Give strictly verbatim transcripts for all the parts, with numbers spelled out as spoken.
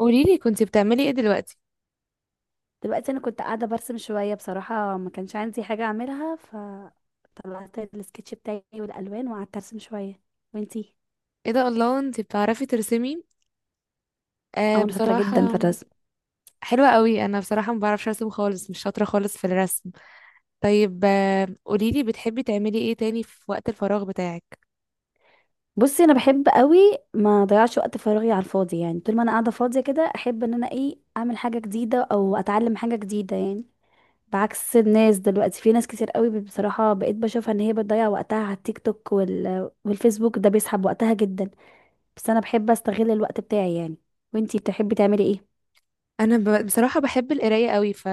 قوليلي كنتي بتعملي ايه دلوقتي؟ دلوقتي انا كنت قاعده برسم شويه، بصراحه ما كانش عندي حاجه اعملها، فطلعت السكتش بتاعي والالوان وقعدت ارسم شويه. وانتي؟ ايه ده! الله، انتي بتعرفي ترسمي؟ آه، اه، انا شاطره جدا في بصراحة. الرسم. حلوة قوي. انا بصراحة ما بعرفش ارسم خالص، مش شاطرة خالص في الرسم. طيب، آه قوليلي، بتحبي تعملي ايه تاني في وقت الفراغ بتاعك؟ بصي، انا بحب قوي ما اضيعش وقت فراغي على الفاضي يعني. طول ما انا قاعده فاضيه كده احب ان انا، ايه، اعمل حاجه جديده او اتعلم حاجه جديده يعني. بعكس الناس دلوقتي، في ناس كتير قوي بصراحه بقيت بشوفها ان هي بتضيع وقتها على التيك توك وال... والفيسبوك. ده بيسحب وقتها جدا. بس انا بحب استغل الوقت بتاعي يعني. وانتي بتحبي تعملي ايه؟ انا ب... بصراحه بحب القرايه قوي، ف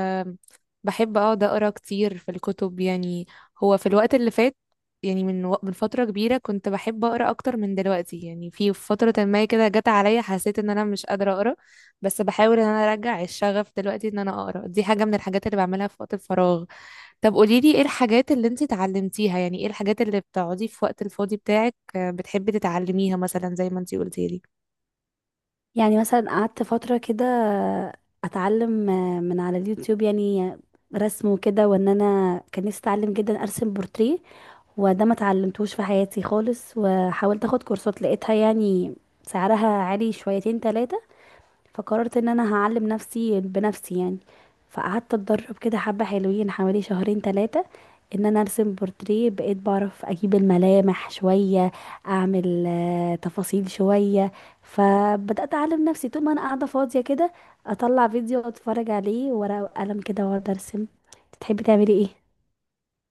بحب اقعد اقرا كتير في الكتب يعني. هو في الوقت اللي فات، يعني من و... من فتره كبيره كنت بحب اقرا اكتر من دلوقتي. يعني في فتره ما كده جت عليا، حسيت ان انا مش قادره اقرا، بس بحاول ان انا ارجع الشغف دلوقتي ان انا اقرا. دي حاجه من الحاجات اللي بعملها في وقت الفراغ. طب قولي لي، ايه الحاجات اللي انت اتعلمتيها؟ يعني ايه الحاجات اللي بتقعدي في وقت الفاضي بتاعك آه، بتحبي تتعلميها مثلا زي ما انت قلتي لي؟ يعني مثلا قعدت فترة كده اتعلم من على اليوتيوب، يعني رسم وكده، وان انا كان نفسي اتعلم جدا ارسم بورتريه. وده ما اتعلمتوش في حياتي خالص، وحاولت اخد كورسات لقيتها يعني سعرها عالي شويتين تلاتة. فقررت ان انا هعلم نفسي بنفسي يعني. فقعدت اتدرب كده حبة حلوين حوالي شهرين ثلاثة ان انا ارسم بورتريه. بقيت بعرف اجيب الملامح شوية، اعمل آه، تفاصيل شوية. فبدأت اعلم نفسي طول ما انا قاعدة فاضية كده، اطلع فيديو اتفرج عليه ورقة وقلم كده واقعد ارسم. تحبي تعملي ايه؟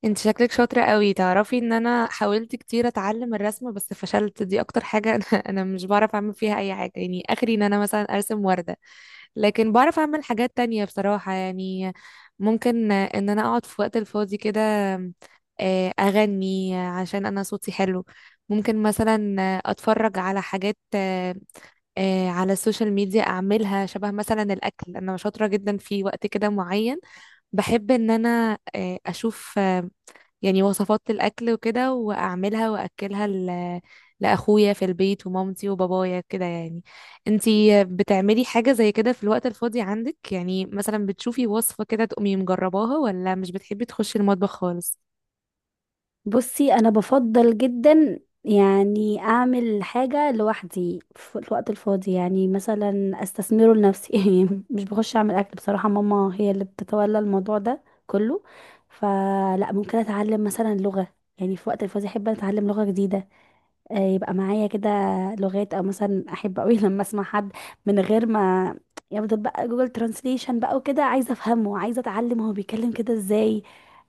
انت شكلك شاطرة قوي. تعرفي ان انا حاولت كتير اتعلم الرسم بس فشلت. دي اكتر حاجة انا انا مش بعرف اعمل فيها اي حاجة، يعني اخري ان انا مثلا ارسم وردة. لكن بعرف اعمل حاجات تانية بصراحة يعني. ممكن ان انا اقعد في وقت الفاضي كده، آه، اغني عشان انا صوتي حلو. ممكن مثلا آه، اتفرج على حاجات آه، آه، على السوشيال ميديا اعملها شبه. مثلا الاكل، انا شاطرة جدا في وقت كده معين. بحب ان انا آه، اشوف يعني وصفات الأكل وكده وأعملها وأكلها ل... لأخويا في البيت ومامتي وبابايا كده يعني. انتي بتعملي حاجة زي كده في الوقت الفاضي عندك؟ يعني مثلا بتشوفي وصفة كده تقومي مجرباها، ولا مش بتحبي تخشي المطبخ خالص؟ بصي انا بفضل جدا يعني اعمل حاجه لوحدي في الوقت الفاضي، يعني مثلا استثمره لنفسي يعني مش بخش اعمل اكل بصراحه، ماما هي اللي بتتولى الموضوع ده كله. فلا، ممكن اتعلم مثلا لغه، يعني في وقت الفاضي احب اتعلم لغه جديده، آه، يبقى معايا كده لغات. او مثلا احب قوي لما اسمع حد من غير ما يفضل بقى جوجل ترانسليشن بقى وكده، عايزه افهمه، عايزه اتعلم هو بيتكلم كده ازاي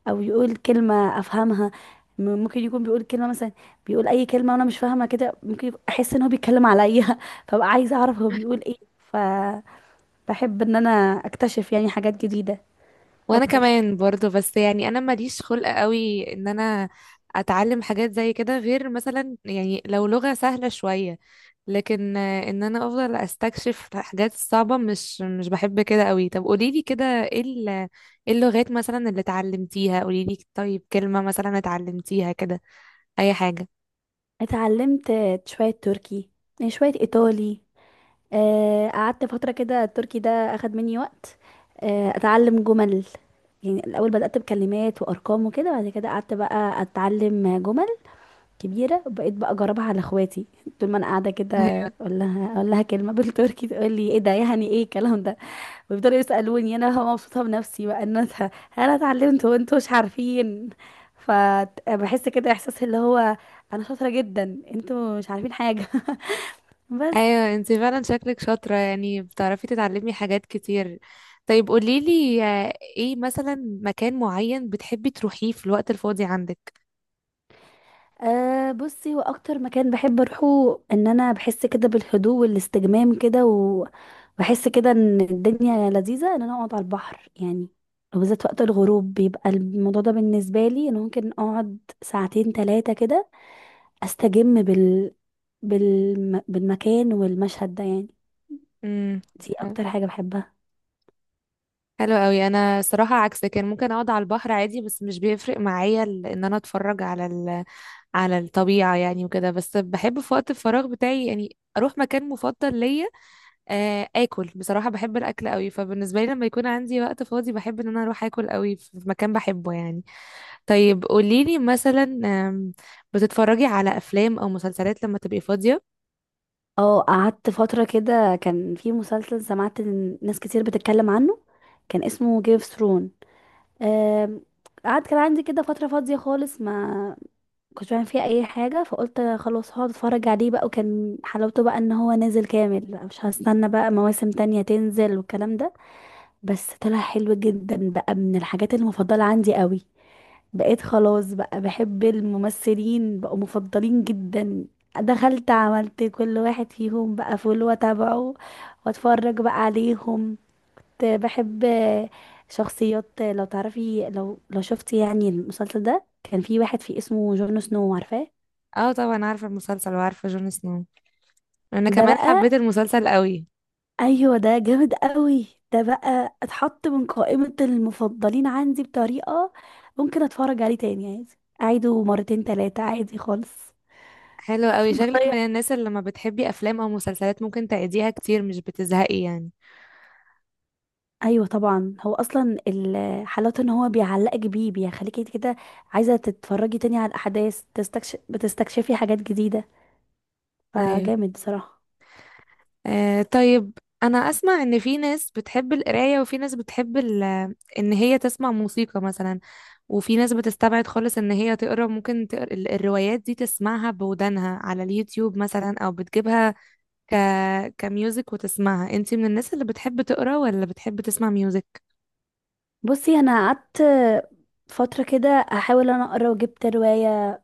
او يقول كلمة افهمها. م- ممكن يكون بيقول كلمة، مثلا بيقول اي كلمة وانا مش فاهمة كده، ممكن يبقى- احس ان هو بيتكلم عليا فبقى عايزة اعرف هو بيقول ايه. فبحب ان انا اكتشف يعني حاجات جديدة وأنا اكتر. كمان برضه، بس يعني أنا ماليش خلق قوي إن أنا أتعلم حاجات زي كده، غير مثلا يعني لو لغة سهلة شوية. لكن آه، ان انا افضل استكشف الحاجات الصعبة. مش مش بحب كده قوي. طب قوليلي كده، ايه ال- إيه اللغات مثلا اللي اتعلمتيها؟ قوليلي طيب كلمة مثلا اتعلمتيها كده، اي حاجة. اتعلمت شوية تركي، آه، شوية ايطالي. آه، قعدت فترة كده التركي ده اخد مني وقت، آه، اتعلم جمل. يعني الاول بدأت بكلمات وارقام وكده، بعد كده قعدت بقى اتعلم جمل كبيرة، بقيت بقى اجربها على اخواتي طول ما انا قاعدة كده. اقول لها اقول لها كلمة بالتركي، تقول لي ايه ده، يعني ايه الكلام ده؟ ويفضلوا يسألوني، انا هبقى مبسوطة بنفسي بقى ان انا انا اتعلمت وانتوا مش عارفين. فبحس كده احساس اللي هو انا شاطرة جدا، انتوا مش عارفين حاجة بس. ايوه، انتي فعلا شكلك شاطرة، يعني بتعرفي تتعلمي حاجات كتير. طيب قوليلي آه، ايه مثلا مكان معين بتحبي تروحيه في الوقت الفاضي عندك؟ أه، بصي هو اكتر مكان بحب اروحه ان انا بحس كده بالهدوء والاستجمام كده، وبحس كده ان الدنيا لذيذة، ان انا اقعد على البحر يعني. وبالذات وقت الغروب بيبقى الموضوع ده بالنسبة لي، انا ممكن اقعد ساعتين ثلاثة كده استجم بال... بالم... بالمكان والمشهد ده يعني. امم. دي اكتر حاجة بحبها. حلو قوي. انا صراحة عكسك، يعني ممكن اقعد على البحر عادي بس مش بيفرق معايا ال- ان انا اتفرج على على الطبيعة يعني، وكده. بس بحب في وقت الفراغ بتاعي يعني أروح مكان مفضل ليا، آه، آكل. بصراحة بحب الأكل قوي، فبالنسبة لي لما يكون عندي وقت فاضي بحب إن أنا أروح آكل قوي في مكان بحبه يعني. طيب قوليلي مثلا آم، بتتفرجي على أفلام أو مسلسلات لما تبقي فاضية؟ اه، قعدت فترة كده كان في مسلسل سمعت إن ناس كتير بتتكلم عنه، كان اسمه جيم اوف ثرون. آم، قعد كان عندي كده فترة فاضية خالص، ما كنتش بعمل فيها أي حاجة، فقلت خلاص هقعد اتفرج عليه بقى. وكان حلاوته بقى ان هو نازل كامل، مش هستنى بقى مواسم تانية تنزل والكلام ده. بس طلع حلو جدا بقى، من الحاجات المفضلة عندي قوي. بقيت خلاص بقى بحب الممثلين، بقوا مفضلين جدا. دخلت عملت كل واحد فيهم بقى فولو واتابعه واتفرج بقى عليهم. بحب شخصيات، لو تعرفي لو لو شفتي يعني المسلسل ده، كان في واحد فيه اسمه جون سنو، عارفاه؟ اه طبعا، عارفة المسلسل وعارفة جون سنو. أنا ده كمان بقى، حبيت المسلسل قوي. ايوه ده جامد قوي، ده بقى اتحط من قائمة المفضلين عندي بطريقة. ممكن اتفرج عليه تاني عادي، اعيده مرتين تلاتة عادي خالص حلو قوي. شكلك من بضيع. الناس اللي لما بتحبي افلام او مسلسلات ممكن تعيديها كتير، مش بتزهقي يعني. ايوه طبعا، هو اصلا ال- حلاوته ان هو بيعلقك بيه، بيخليكي كده عايزه تتفرجي تاني على الاحداث، تستكشف بتستكشفي حاجات جديده، ايوه. فجامد بصراحه. آه، طيب. انا اسمع ان في ناس بتحب القرايه وفي ناس بتحب ال- ان هي تسمع موسيقى مثلا. وفي ناس بتستبعد خالص ان هي تقرا، ممكن تقرا ال- الروايات دي تسمعها بودانها على اليوتيوب مثلا او بتجيبها ك كميوزك وتسمعها. انتي من الناس اللي بتحب تقرا ولا بتحب تسمع ميوزك؟ بصي، انا قعدت فتره كده احاول انا اقرا، وجبت روايه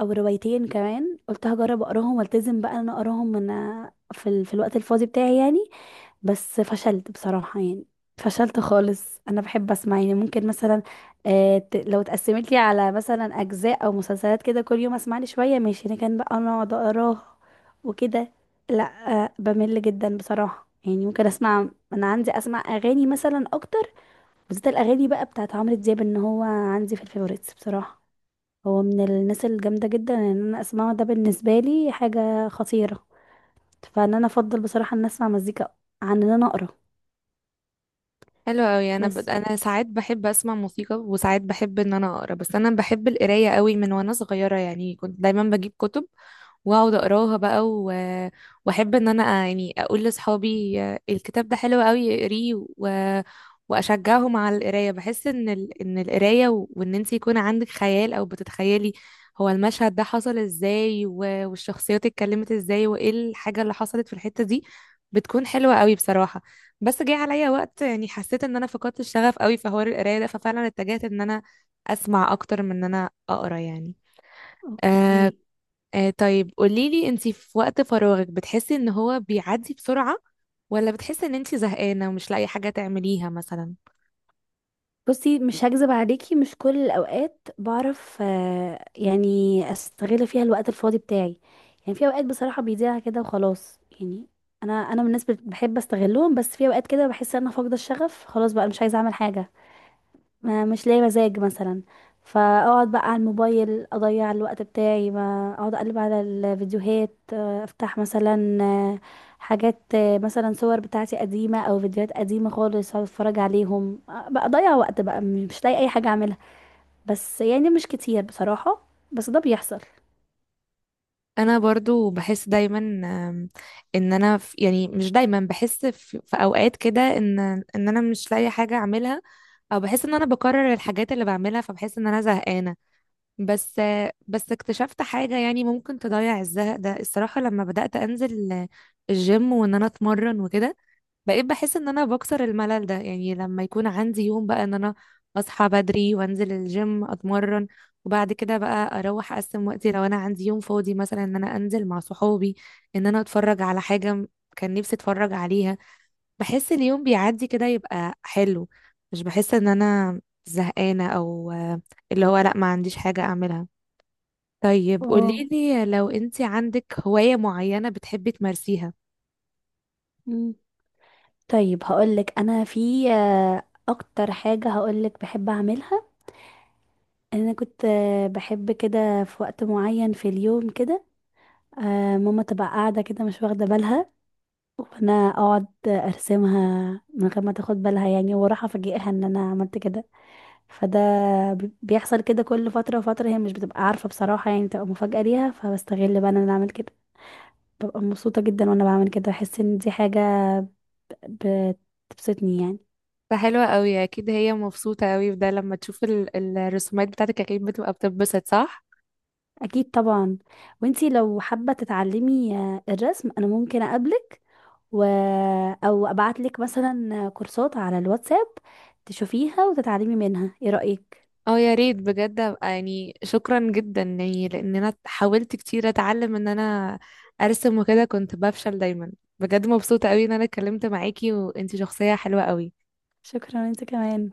او روايتين كمان قلت هجرب اقراهم والتزم بقى ان انا اقراهم من في ال... في الوقت الفاضي بتاعي يعني. بس فشلت بصراحه يعني، فشلت خالص. انا بحب اسمع، يعني ممكن مثلا آه ت... لو اتقسمت لي على مثلا اجزاء او مسلسلات كده كل يوم اسمع لي شويه ماشي، لكن بقى انا اقعد اقراها وكده، لا. آه بمل جدا بصراحه يعني. ممكن اسمع، انا عندي اسمع اغاني مثلا اكتر. بالذات الاغاني بقى بتاعت عمرو دياب، ان هو عندي في الفيفوريتس بصراحه. هو من الناس الجامده جدا ان انا اسمعه، ده بالنسبه لي حاجه خطيره. فان انا افضل بصراحه ان اسمع مزيكا عن ان انا اقرا حلو قوي. انا ب... بس. انا ساعات بحب اسمع موسيقى وساعات بحب ان انا اقرا، بس انا بحب القرايه قوي من وانا صغيره. يعني كنت دايما بجيب كتب واقعد اقراها بقى و... واحب ان انا أ- يعني اقول لاصحابي الكتاب ده حلو قوي، اقريه و... واشجعهم على القرايه. بحس ان ال... ان القرايه و... وان انت يكون عندك خيال او بتتخيلي هو المشهد ده حصل ازاي و... والشخصيات اتكلمت ازاي، وايه الحاجه اللي حصلت في الحته دي، بتكون حلوه قوي بصراحه. بس جه عليا وقت، يعني حسيت ان انا فقدت الشغف قوي في حوار القرايه ده. ففعلا اتجهت ان انا اسمع اكتر من ان انا اقرا يعني. آه، اوكي. آه طيب قوليلي، انتي في وقت فراغك بتحسي ان هو بيعدي بسرعة، ولا بتحسي ان انتي زهقانة ومش لاقي حاجة تعمليها مثلا؟ بصي، مش هكذب عليكي، مش كل الاوقات بعرف آه، يعني استغل فيها الوقت الفاضي بتاعي. يعني في اوقات بصراحه بيضيع كده وخلاص يعني. انا انا من الناس بت- بحب استغلهم، بس في اوقات كده بحس ان انا فاقده الشغف خلاص بقى مش عايزه اعمل حاجه. ما مش لاقي مزاج مثلا. فاقعد بقى على الموبايل اضيع الوقت بتاعي، ما اقعد اقلب على الفيديوهات، آه، افتح مثلا آه، حاجات، آه، مثلا صور بتاعتي قديمة او فيديوهات قديمة خالص، اقعد اتفرج عليهم، آه، بقى اضيع وقت بقى م- مش لاقي اي حاجة اعملها. بس يعني مش كتير بصراحة، بس ده بيحصل. انا برضو بحس دايما آم، ان انا في، يعني مش دايما بحس، في, في اوقات كده ان ان انا مش لاقي حاجة اعملها، او بحس ان انا بكرر الحاجات اللي بعملها، فبحس ان انا زهقانة. بس آه، بس اكتشفت حاجة يعني ممكن تضيع الزهق ده الصراحة، لما بدأت انزل آه، الجيم وان انا اتمرن وكده، بقيت بحس ان انا بكسر الملل ده. يعني لما يكون عندي يوم بقى ان انا اصحى بدري وانزل الجيم اتمرن، وبعد كده بقى اروح اقسم وقتي، لو انا عندي يوم فاضي مثلا ان انا انزل مع صحابي، ان انا اتفرج على حاجة م- كان نفسي اتفرج عليها، بحس اليوم بيعدي كده يبقى حلو. مش بحس ان انا زهقانة او آه، اللي هو لا، ما عنديش حاجة اعملها. طيب اه. قوليلي، لو انتي عندك هواية معينة بتحبي تمارسيها؟ مم. طيب، هقولك انا في آه، اكتر حاجة هقولك بحب اعملها. انا كنت آه، بحب كده في وقت معين في اليوم كده. آه ماما تبقى قاعدة كده مش واخدة بالها، وانا اقعد ارسمها من غير ما تاخد بالها يعني، واروح افاجئها ان انا عملت كده. فده بي- بيحصل كده كل فترة وفترة، هي مش بتبقى عارفة بصراحة يعني، بتبقى مفاجأة ليها، فبستغل بقى ان انا اعمل كده. ببقى مبسوطة جدا وانا بعمل كده، بحس ان دي حاجة بتبسطني يعني. فحلوة قوي، اكيد هي مبسوطة قوي بده لما تشوف ال- الرسومات بتاعتك. اكيد بتبقى بتتبسط، صح؟ اكيد طبعا. وانتي لو حابة تتعلمي آه، الرسم، انا ممكن اقابلك و... او ابعتلك مثلا كورسات على الواتساب تشوفيها وتتعلمي منها. ايه رأيك؟ اه يا ريت بجد، ابقى يعني شكرا جدا، يعني لان انا حاولت كتير اتعلم ان انا ارسم وكده كنت بفشل دايما. بجد مبسوطة قوي ان انا اتكلمت معاكي، وانتي شخصية حلوة قوي. شكرا، انت كمان.